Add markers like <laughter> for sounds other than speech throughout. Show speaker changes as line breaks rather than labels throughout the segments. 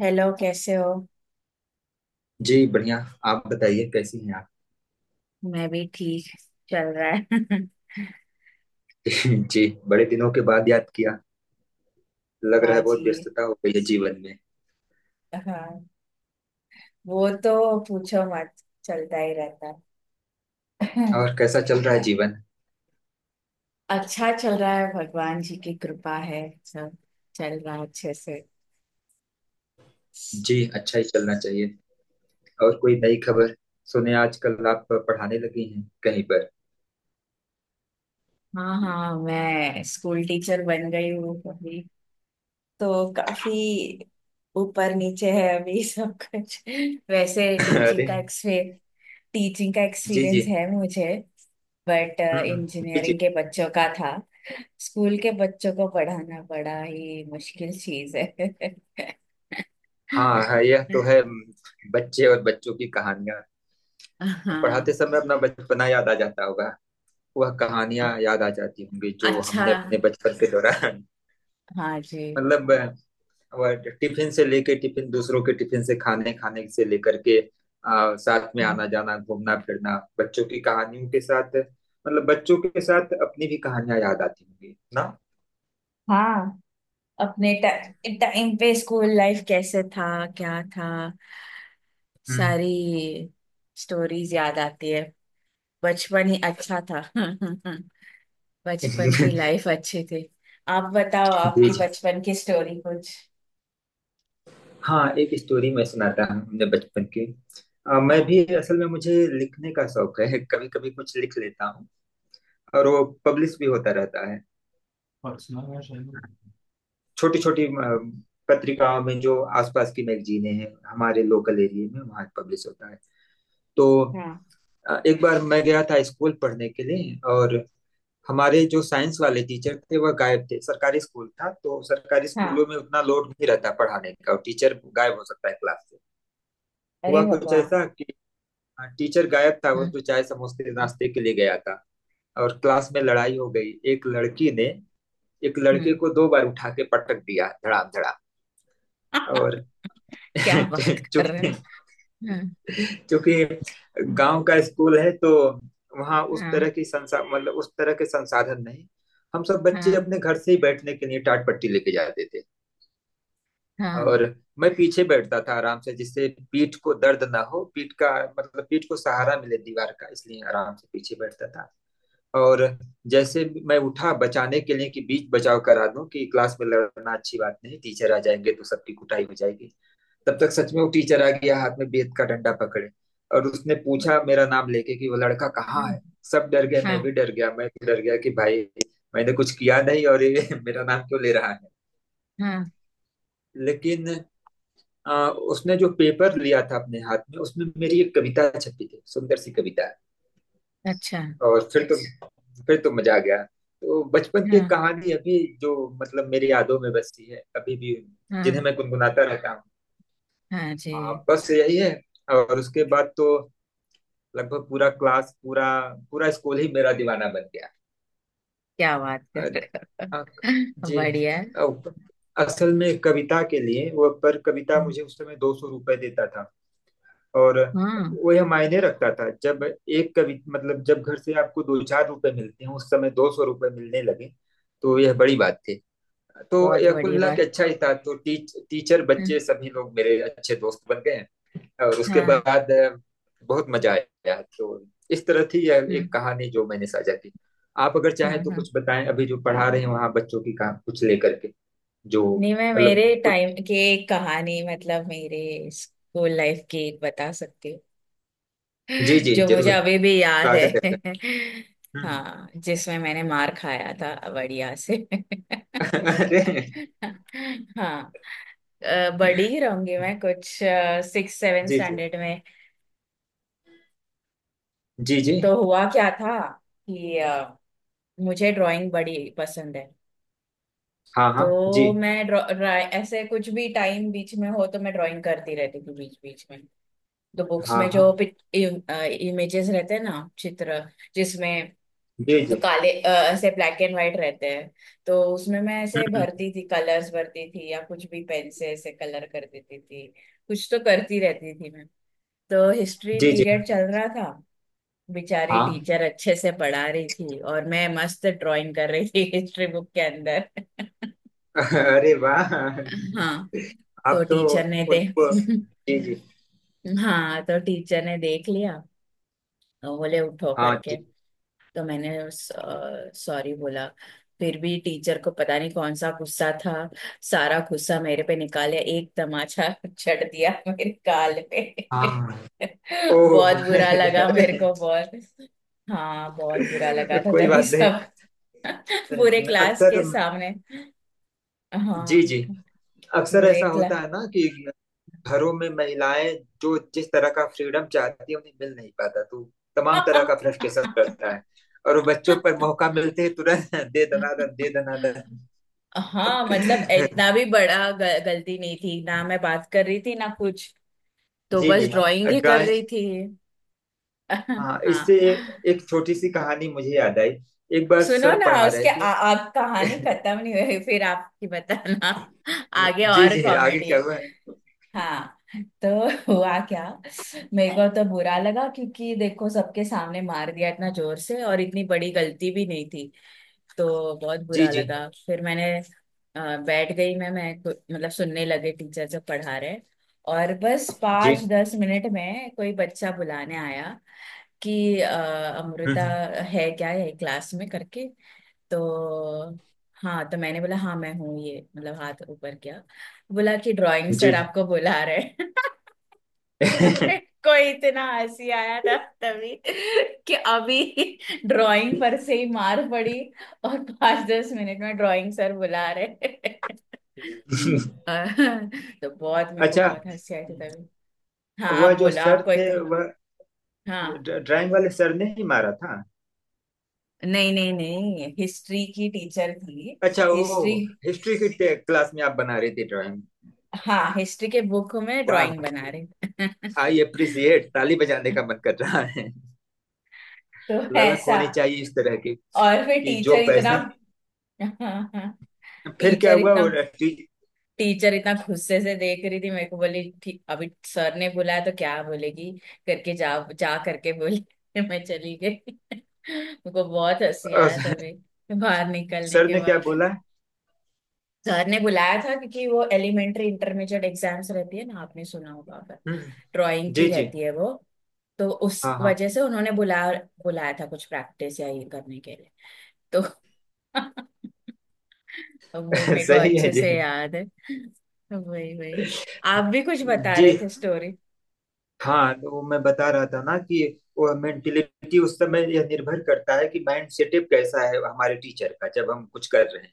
Hello, कैसे हो।
जी बढ़िया। आप बताइए, कैसी हैं आप?
मैं भी ठीक, चल रहा है।
<laughs> जी, बड़े दिनों के बाद याद किया।
<laughs>
लग रहा
हाँ
है बहुत
जी।
व्यस्तता हो गई है जीवन में।
हाँ, वो तो पूछो मत, चलता ही रहता है।
और
<laughs>
कैसा चल रहा है जीवन?
अच्छा चल रहा है, भगवान जी की कृपा है। सब चल रहा है अच्छे से।
जी, अच्छा ही चलना चाहिए। और कोई नई खबर? सुने आजकल आप पढ़ाने लगी हैं कहीं पर।
हाँ हाँ, मैं स्कूल टीचर बन गई हूँ अभी। तो काफी ऊपर नीचे है अभी सब कुछ। <laughs> वैसे
<laughs>
टीचिंग का
अरे।
एक्सपे टीचिंग का
जी जी।
एक्सपीरियंस है मुझे। बट
हम्म हम्म, जी जी।
इंजीनियरिंग के बच्चों का था। स्कूल के बच्चों को पढ़ाना बड़ा ही मुश्किल चीज है।
हाँ हाँ, यह तो है। बच्चे और बच्चों की कहानियां।
<laughs>
अब पढ़ाते
हाँ।
समय अपना बचपना याद आ जाता होगा। वह कहानियां याद आ जाती होंगी जो
अच्छा।
हमने अपने बचपन के दौरान।
हाँ
<laughs>
जी।
मतलब वह टिफिन से लेके टिफिन दूसरों के टिफिन से खाने खाने से लेकर के साथ में आना
हाँ
जाना घूमना फिरना बच्चों की कहानियों के साथ। मतलब बच्चों के साथ अपनी भी कहानियां याद आती होंगी ना।
हाँ, अपने टाइम पे स्कूल लाइफ कैसे था, क्या था,
हम्म।
सारी स्टोरीज याद आती है। बचपन ही अच्छा था। <laughs> बचपन की
<laughs>
लाइफ अच्छी थी। आप बताओ,
जी
आपकी
जी।
बचपन की स्टोरी कुछ।
हाँ, एक स्टोरी मैं सुनाता हूँ अपने बचपन की। मैं
हाँ।
भी, असल में मुझे लिखने का शौक है, कभी कभी कुछ लिख लेता हूँ। और वो पब्लिश भी होता रहता है। छोटी छोटी पत्रिकाओं में जो आसपास की मैगजीनें हैं हमारे लोकल एरिया में वहाँ पब्लिश होता है। तो
हाँ।
एक बार मैं गया था स्कूल पढ़ने के लिए। और हमारे जो साइंस वाले टीचर थे वह गायब थे। सरकारी स्कूल था, तो सरकारी स्कूलों
हाँ,
में उतना लोड नहीं रहता पढ़ाने का और टीचर गायब हो सकता है क्लास से।
अरे
हुआ कुछ
भगवान।
ऐसा कि टीचर गायब था,
हम्म
वो तो चाय समोसे
हम्म
नाश्ते के लिए गया था। और क्लास में लड़ाई हो गई। एक लड़की ने एक लड़के को 2 बार उठा के पटक दिया धड़ाम धड़ाम।
हम्म।
और <laughs>
क्या बात
चुप।
कर रहे हैं, हाँ
क्योंकि गांव का स्कूल है, तो वहाँ उस तरह
हाँ।
की संसा मतलब उस तरह के संसाधन नहीं। हम सब बच्चे
हाँ।
अपने घर से ही बैठने के लिए टाट पट्टी लेके जाते थे।
हाँ। हाँ।
और मैं पीछे बैठता था आराम से, जिससे पीठ को दर्द ना हो। पीठ का मतलब पीठ को सहारा मिले दीवार का, इसलिए आराम से पीछे बैठता था। और जैसे मैं उठा बचाने के लिए कि बीच बचाव करा दूं, कि क्लास में लड़ना अच्छी बात नहीं, टीचर आ जाएंगे तो सबकी कुटाई हो जाएगी। तब तक सच में वो टीचर आ गया हाथ में बेत का डंडा पकड़े। और उसने पूछा मेरा नाम लेके कि वो लड़का कहाँ है। सब डर गए, मैं भी
हाँ।
डर गया। कि भाई, मैंने कुछ किया नहीं और ये <laughs> मेरा नाम क्यों ले रहा है।
हाँ, हाँ,
लेकिन उसने जो पेपर लिया था अपने हाथ में, उसमें मेरी एक कविता छपी थी, सुंदर सी कविता।
अच्छा।
और फिर तो मजा आ गया। तो बचपन की एक
हाँ।
कहानी, अभी जो मतलब मेरी यादों में बसी है अभी भी, जिन्हें
हाँ।
मैं गुनगुनाता रहता हूँ।
हाँ
हाँ,
जी।
बस यही है। और उसके बाद तो लगभग पूरा क्लास पूरा पूरा स्कूल ही मेरा दीवाना बन गया।
क्या बात
अ-
कर रहे
अ-
हो। <laughs>
जी।
बढ़िया है।
अ- असल में कविता के लिए वो पर कविता मुझे उस समय 200 रुपये देता था। और
हाँ,
वो यह मायने रखता था, जब एक कवि, मतलब जब घर से आपको दो चार रुपए मिलते हैं, उस समय 200 रुपये मिलने लगे, तो यह बड़ी बात थी। तो
बहुत
यह कुल
बड़ी
मिला के
बात।
अच्छा ही था। तो टीचर, बच्चे,
हाँ।
सभी लोग मेरे अच्छे दोस्त बन गए। और उसके
हाँ।
बाद बहुत मजा आया। तो इस तरह थी यह
हाँ।
एक कहानी जो मैंने साझा की। आप अगर
हाँ।
चाहें तो
हाँ।
कुछ बताएं, अभी जो पढ़ा रहे हैं वहाँ बच्चों की कहा कुछ लेकर के, जो,
नहीं, मैं
मतलब
मेरे
कुछ।
टाइम की एक कहानी, मतलब मेरे स्कूल लाइफ की एक बता सकती हूँ,
जी जी,
जो मुझे
जरूर।
अभी भी याद
स्वागत है
है।
आपका।
<laughs>
हम्म,
हाँ, जिसमें मैंने मार खाया था बढ़िया से।
हम्म। <laughs> अरे।
<laughs> हाँ। बड़ी ही रहूंगी मैं कुछ 6 7
जी जी
स्टैंडर्ड में।
जी जी।
तो हुआ क्या था कि मुझे ड्राइंग बड़ी पसंद है।
हाँ हाँ जी।
तो मैं ऐसे कुछ भी टाइम बीच में हो तो मैं ड्राइंग करती रहती थी बीच बीच में। तो बुक्स
हाँ
में
हाँ।
जो इमेजेस रहते हैं ना, चित्र, जिसमें,
जी
तो
जी।
काले ऐसे ब्लैक एंड व्हाइट रहते हैं। तो उसमें मैं
हम्म,
ऐसे
हम्म।
भरती थी, कलर्स भरती थी, या कुछ भी पेन से ऐसे कलर कर देती थी। कुछ तो करती रहती थी मैं। तो हिस्ट्री
जी जी।
पीरियड चल रहा था। बेचारी
हाँ।
टीचर अच्छे से पढ़ा रही थी, और मैं मस्त ड्राइंग कर रही थी हिस्ट्री बुक के अंदर।
<laughs> अरे
<laughs>
वाह।
हाँ। तो
आप तो,
टीचर ने दे
उनको,
<laughs>
जी जी।
हाँ, तो टीचर ने देख लिया, और बोले उठो
हाँ
करके।
जी।
तो मैंने सॉरी बोला। फिर भी टीचर को पता नहीं कौन सा गुस्सा था, सारा गुस्सा मेरे पे निकाला, एक तमाचा चढ़ दिया मेरे गाल पे।
हाँ,
<laughs> बहुत
ओह। <laughs>
बुरा लगा मेरे
अरे,
को, बहुत। हाँ, बहुत बुरा लगा था
कोई
तभी
बात नहीं।
सब। <laughs> पूरे क्लास
अक्सर,
के सामने। हाँ,
जी जी, अक्सर
पूरे
ऐसा होता
क्लास।
है ना कि घरों में महिलाएं जो जिस तरह का फ्रीडम चाहती है उन्हें मिल नहीं पाता, तो तमाम तरह का फ्रस्ट्रेशन रहता
<laughs>
है। और वो बच्चों पर मौका मिलते ही तुरंत <laughs> दे दनादन दे
हाँ, मतलब
दनादन।
इतना
<laughs>
भी बड़ा गलती नहीं थी ना, मैं बात कर रही थी ना कुछ। तो
जी
बस
जी।
वाह, ड्राइंग ही कर
ड्राइंग।
रही थी। <laughs>
हाँ,
हाँ।
इससे एक छोटी सी कहानी मुझे याद आई। एक बार
सुनो
सर
ना,
पढ़ा रहे
उसके
थे।
आप, कहानी खत्म नहीं हुई, फिर आपकी बताना। <laughs> आगे
जी
और
जी, आगे
कॉमेडी
क्या
है।
हुआ है?
हाँ, तो <laughs> हुआ क्या, मेरे को तो बुरा लगा क्योंकि देखो सबके सामने मार दिया इतना जोर से, और इतनी बड़ी गलती भी नहीं थी। तो बहुत
जी
बुरा
जी
लगा, फिर मैंने अ, बैठ गई। मतलब सुनने लगे टीचर जब पढ़ा रहे। और बस
जी।
5 10 मिनट में कोई बच्चा बुलाने आया कि
हम्म,
अमृता
हम्म,
है क्या, है क्लास में करके। तो हाँ, तो मैंने बोला हाँ मैं हूँ, ये मतलब हाथ ऊपर किया। बोला कि ड्राइंग सर
जी
आपको बुला रहे हैं। <laughs>
जी।
<laughs>
<laughs>
कोई इतना हंसी आया था तभी, कि अभी ड्राइंग पर से ही मार पड़ी, और 5 10 मिनट में ड्राइंग सर बुला रहे। <laughs> तो बहुत, मेरे को
अच्छा,
बहुत हंसी आई थी तभी। हाँ
वह
आप
जो
बोलो, आप
सर
कोई
थे,
तो।
वह
हाँ,
ड्राइंग वाले सर ने ही मारा था?
नहीं नहीं नहीं, हिस्ट्री की टीचर थी।
अच्छा,
हिस्ट्री,
वो हिस्ट्री की क्लास में आप बना रहे थे ड्राइंग।
हाँ, हिस्ट्री के बुक में
वाह।
ड्राइंग बना रहे।
आई
<laughs>
अप्रिसिएट, ताली बजाने का मन कर रहा है।
तो
ललक
ऐसा।
होनी चाहिए इस तरह की,
और फिर
कि जो
टीचर इतना
पैसा।
<laughs>
फिर क्या
टीचर
हुआ, वो
इतना,
टी-
टीचर इतना गुस्से से देख रही थी मेरे को, बोली ठीक अभी सर ने बुलाया तो क्या बोलेगी करके, जा जा करके बोली। <laughs> मैं चली गई। <laughs> मुझको बहुत हंसी
अ,
आया तभी बाहर निकलने
सर
के
ने क्या
बाद।
बोला?
सर ने बुलाया था क्योंकि वो एलिमेंट्री इंटरमीडिएट एग्जाम्स रहती है ना, आपने सुना होगा अगर,
हम्म,
ड्राइंग की
जी जी।
रहती है वो। तो
हाँ
उस
हाँ।
वजह से उन्होंने बुलाया था कुछ प्रैक्टिस या ये करने के लिए। तो <laughs> अब वो मेरे
<laughs>
को
सही है
अच्छे
जी।
से याद है। वही वही, आप भी कुछ बता
जी,
रहे थे स्टोरी।
हाँ तो मैं बता रहा था ना, कि वो मेंटेलिटी उस समय, यह निर्भर करता है कि माइंड सेटअप कैसा है हमारे टीचर का जब हम कुछ कर रहे हैं।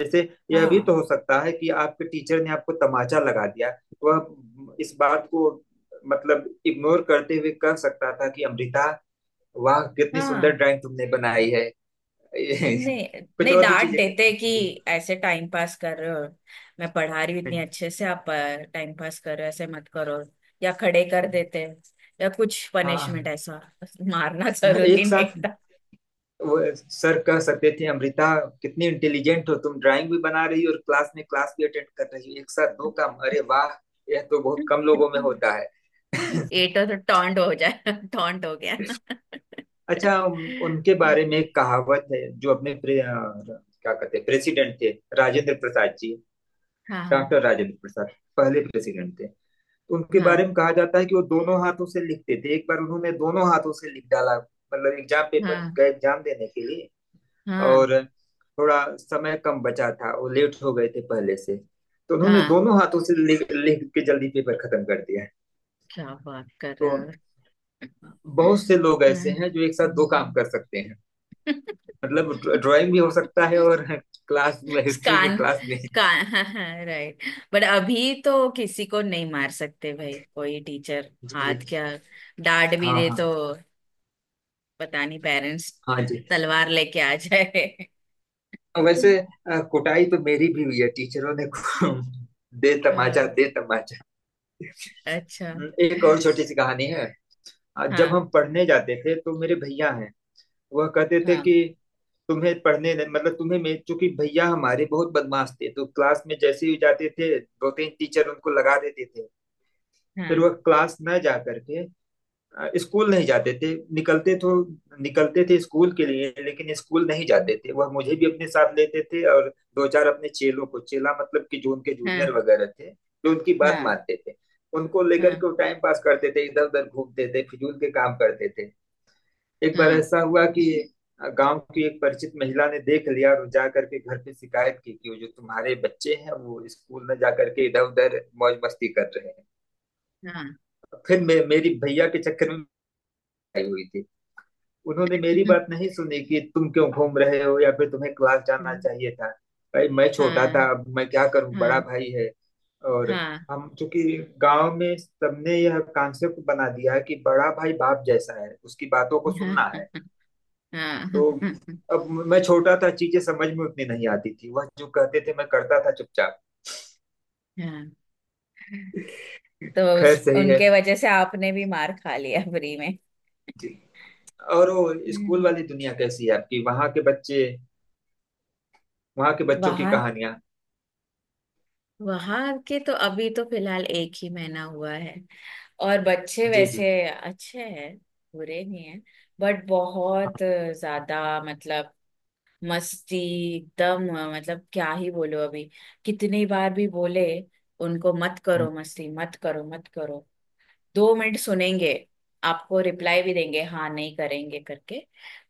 जैसे, यह भी तो
हाँ
हो सकता है कि आपके टीचर ने आपको तमाचा लगा दिया, वह इस बात को मतलब इग्नोर करते हुए कह सकता था कि अमृता, वाह कितनी सुंदर
हाँ,
ड्राइंग तुमने बनाई है।
नहीं
<laughs> कुछ
नहीं,
और भी
डांट
चीजें,
देते कि ऐसे टाइम पास कर रहे हो, मैं पढ़ा रही हूँ इतनी अच्छे से, आप टाइम पास कर रहे हो, ऐसे मत करो। या खड़े कर देते, या कुछ पनिशमेंट
हाँ
ऐसा। मारना <laughs> जरूरी
एक
नहीं
साथ।
था।
वो सर कह सकते थे, अमृता कितनी इंटेलिजेंट हो तुम, ड्राइंग भी बना रही हो और क्लास में क्लास भी अटेंड कर रही हो, एक साथ दो काम, अरे वाह, यह तो बहुत कम लोगों में होता है। <laughs>
ये तो टॉन्ट हो जाए, टॉन्ट हो गया।
अच्छा, उनके बारे में एक कहावत है। जो अपने क्या कहते हैं प्रेसिडेंट थे, राजेंद्र प्रसाद जी,
हाँ। हाँ।
डॉक्टर राजेंद्र प्रसाद, पहले प्रेसिडेंट थे। उनके बारे
हाँ।
में कहा जाता है कि वो दोनों हाथों से लिखते थे। एक बार उन्होंने दोनों हाथों से लिख डाला, मतलब एग्जाम पेपर,
हाँ।
गए एग्जाम देने के लिए
हाँ।
और थोड़ा समय कम बचा था, वो लेट हो गए थे पहले से, तो उन्होंने
हाँ,
दोनों हाथों से लिख लिख के जल्दी पेपर खत्म कर दिया।
क्या बात कर
तो
रहा है।
बहुत से
<laughs>
लोग ऐसे हैं जो एक साथ दो काम कर सकते हैं। मतलब ड्राइंग भी हो सकता है और क्लास में, हिस्ट्री की
कान
क्लास में।
कान हाँ हाँ, राइट। बट अभी तो किसी को नहीं मार सकते भाई, कोई टीचर
जी जी।
हाथ क्या डांट भी
हाँ
दे
हाँ।
तो पता नहीं पेरेंट्स
हाँ जी।
तलवार लेके आ जाए।
वैसे
<laughs>
कुटाई तो मेरी भी हुई है टीचरों ने दे तमाचा
हाँ,
दे तमाचा।
अच्छा।
एक और छोटी सी कहानी है। जब
हाँ।
हम पढ़ने जाते थे तो मेरे भैया हैं, वह कहते थे
हाँ।
कि तुम्हें पढ़ने नहीं, मतलब तुम्हें, मैं चूंकि, भैया हमारे बहुत बदमाश थे तो क्लास में जैसे ही जाते थे दो तीन टीचर उनको लगा देते थे। फिर वह
हाँ।
क्लास न जा करके स्कूल नहीं जाते थे। निकलते तो निकलते थे स्कूल के लिए, लेकिन स्कूल नहीं जाते थे। वह मुझे भी अपने साथ लेते थे और दो चार अपने चेलों को, चेला मतलब कि जो उनके जूनियर
हाँ।
वगैरह थे, जो उनकी बात
हाँ।
मानते थे, उनको
हाँ।
लेकर
हाँ।
के वो टाइम पास करते थे, इधर उधर घूमते थे, फिजूल के काम करते थे। एक बार ऐसा हुआ कि गांव की एक परिचित महिला ने देख लिया और जा करके घर पे शिकायत की कि वो जो तुम्हारे बच्चे हैं वो स्कूल में जा करके इधर उधर मौज मस्ती कर रहे हैं।
हाँ। हाँ।
फिर मैं मेरी भैया के चक्कर में आई हुई थी। उन्होंने मेरी बात नहीं सुनी कि तुम क्यों घूम रहे हो या फिर तुम्हें क्लास जाना चाहिए था। भाई मैं छोटा
हाँ।
था, अब मैं क्या करूं,
हाँ।
बड़ा
हाँ।
भाई है। और
हाँ।
हम चूंकि गांव में, सबने यह कॉन्सेप्ट बना दिया है कि बड़ा भाई बाप जैसा है, उसकी बातों को सुनना है।
हाँ।
तो
हाँ।
अब मैं छोटा था, चीजें समझ में उतनी नहीं आती थी, वह जो कहते थे मैं करता था चुपचाप।
हाँ। तो
खैर
उस,
सही है
उनके वजह से आपने भी मार खा लिया फ्री में।
जी। और वो स्कूल
हम्म।
वाली दुनिया कैसी है आपकी, वहां के बच्चे, वहां के बच्चों की
वहां,
कहानियां?
वहां के तो अभी तो फिलहाल 1 ही महीना हुआ है, और बच्चे
जी जी।
वैसे अच्छे हैं, बुरे नहीं हैं। बट बहुत ज्यादा, मतलब, मस्ती एकदम, मतलब क्या ही बोलो अभी। कितनी बार भी बोले उनको मत
हम्म,
करो, मस्ती मत करो, मत करो, 2 मिनट सुनेंगे, आपको रिप्लाई भी देंगे हाँ नहीं करेंगे करके,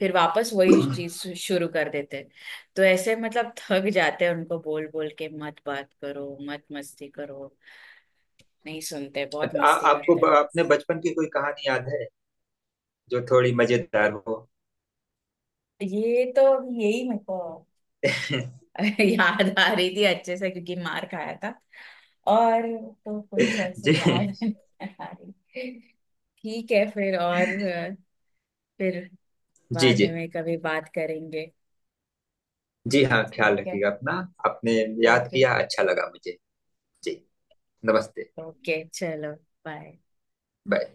फिर वापस वही
हम्म।
चीज शुरू कर देते हैं। तो ऐसे मतलब थक जाते हैं उनको बोल बोल के, मत बात करो, मत मस्ती करो। नहीं सुनते, बहुत मस्ती
आपको
करते हैं।
अपने बचपन की कोई कहानी याद है जो थोड़ी मजेदार हो?
ये तो, यही मेरे को
<laughs>
<laughs> याद आ रही थी अच्छे से क्योंकि मार खाया था। और तो कुछ ऐसे
जी
याद <laughs> नहीं आ रही। ठीक है, फिर और फिर
जी
बाद
जी
में कभी बात करेंगे।
जी। हाँ, ख्याल
ठीक है।
रखिएगा अपना। आपने याद
ओके।
किया, अच्छा लगा मुझे। जी, नमस्ते।
ओके चलो, बाय।
बाय।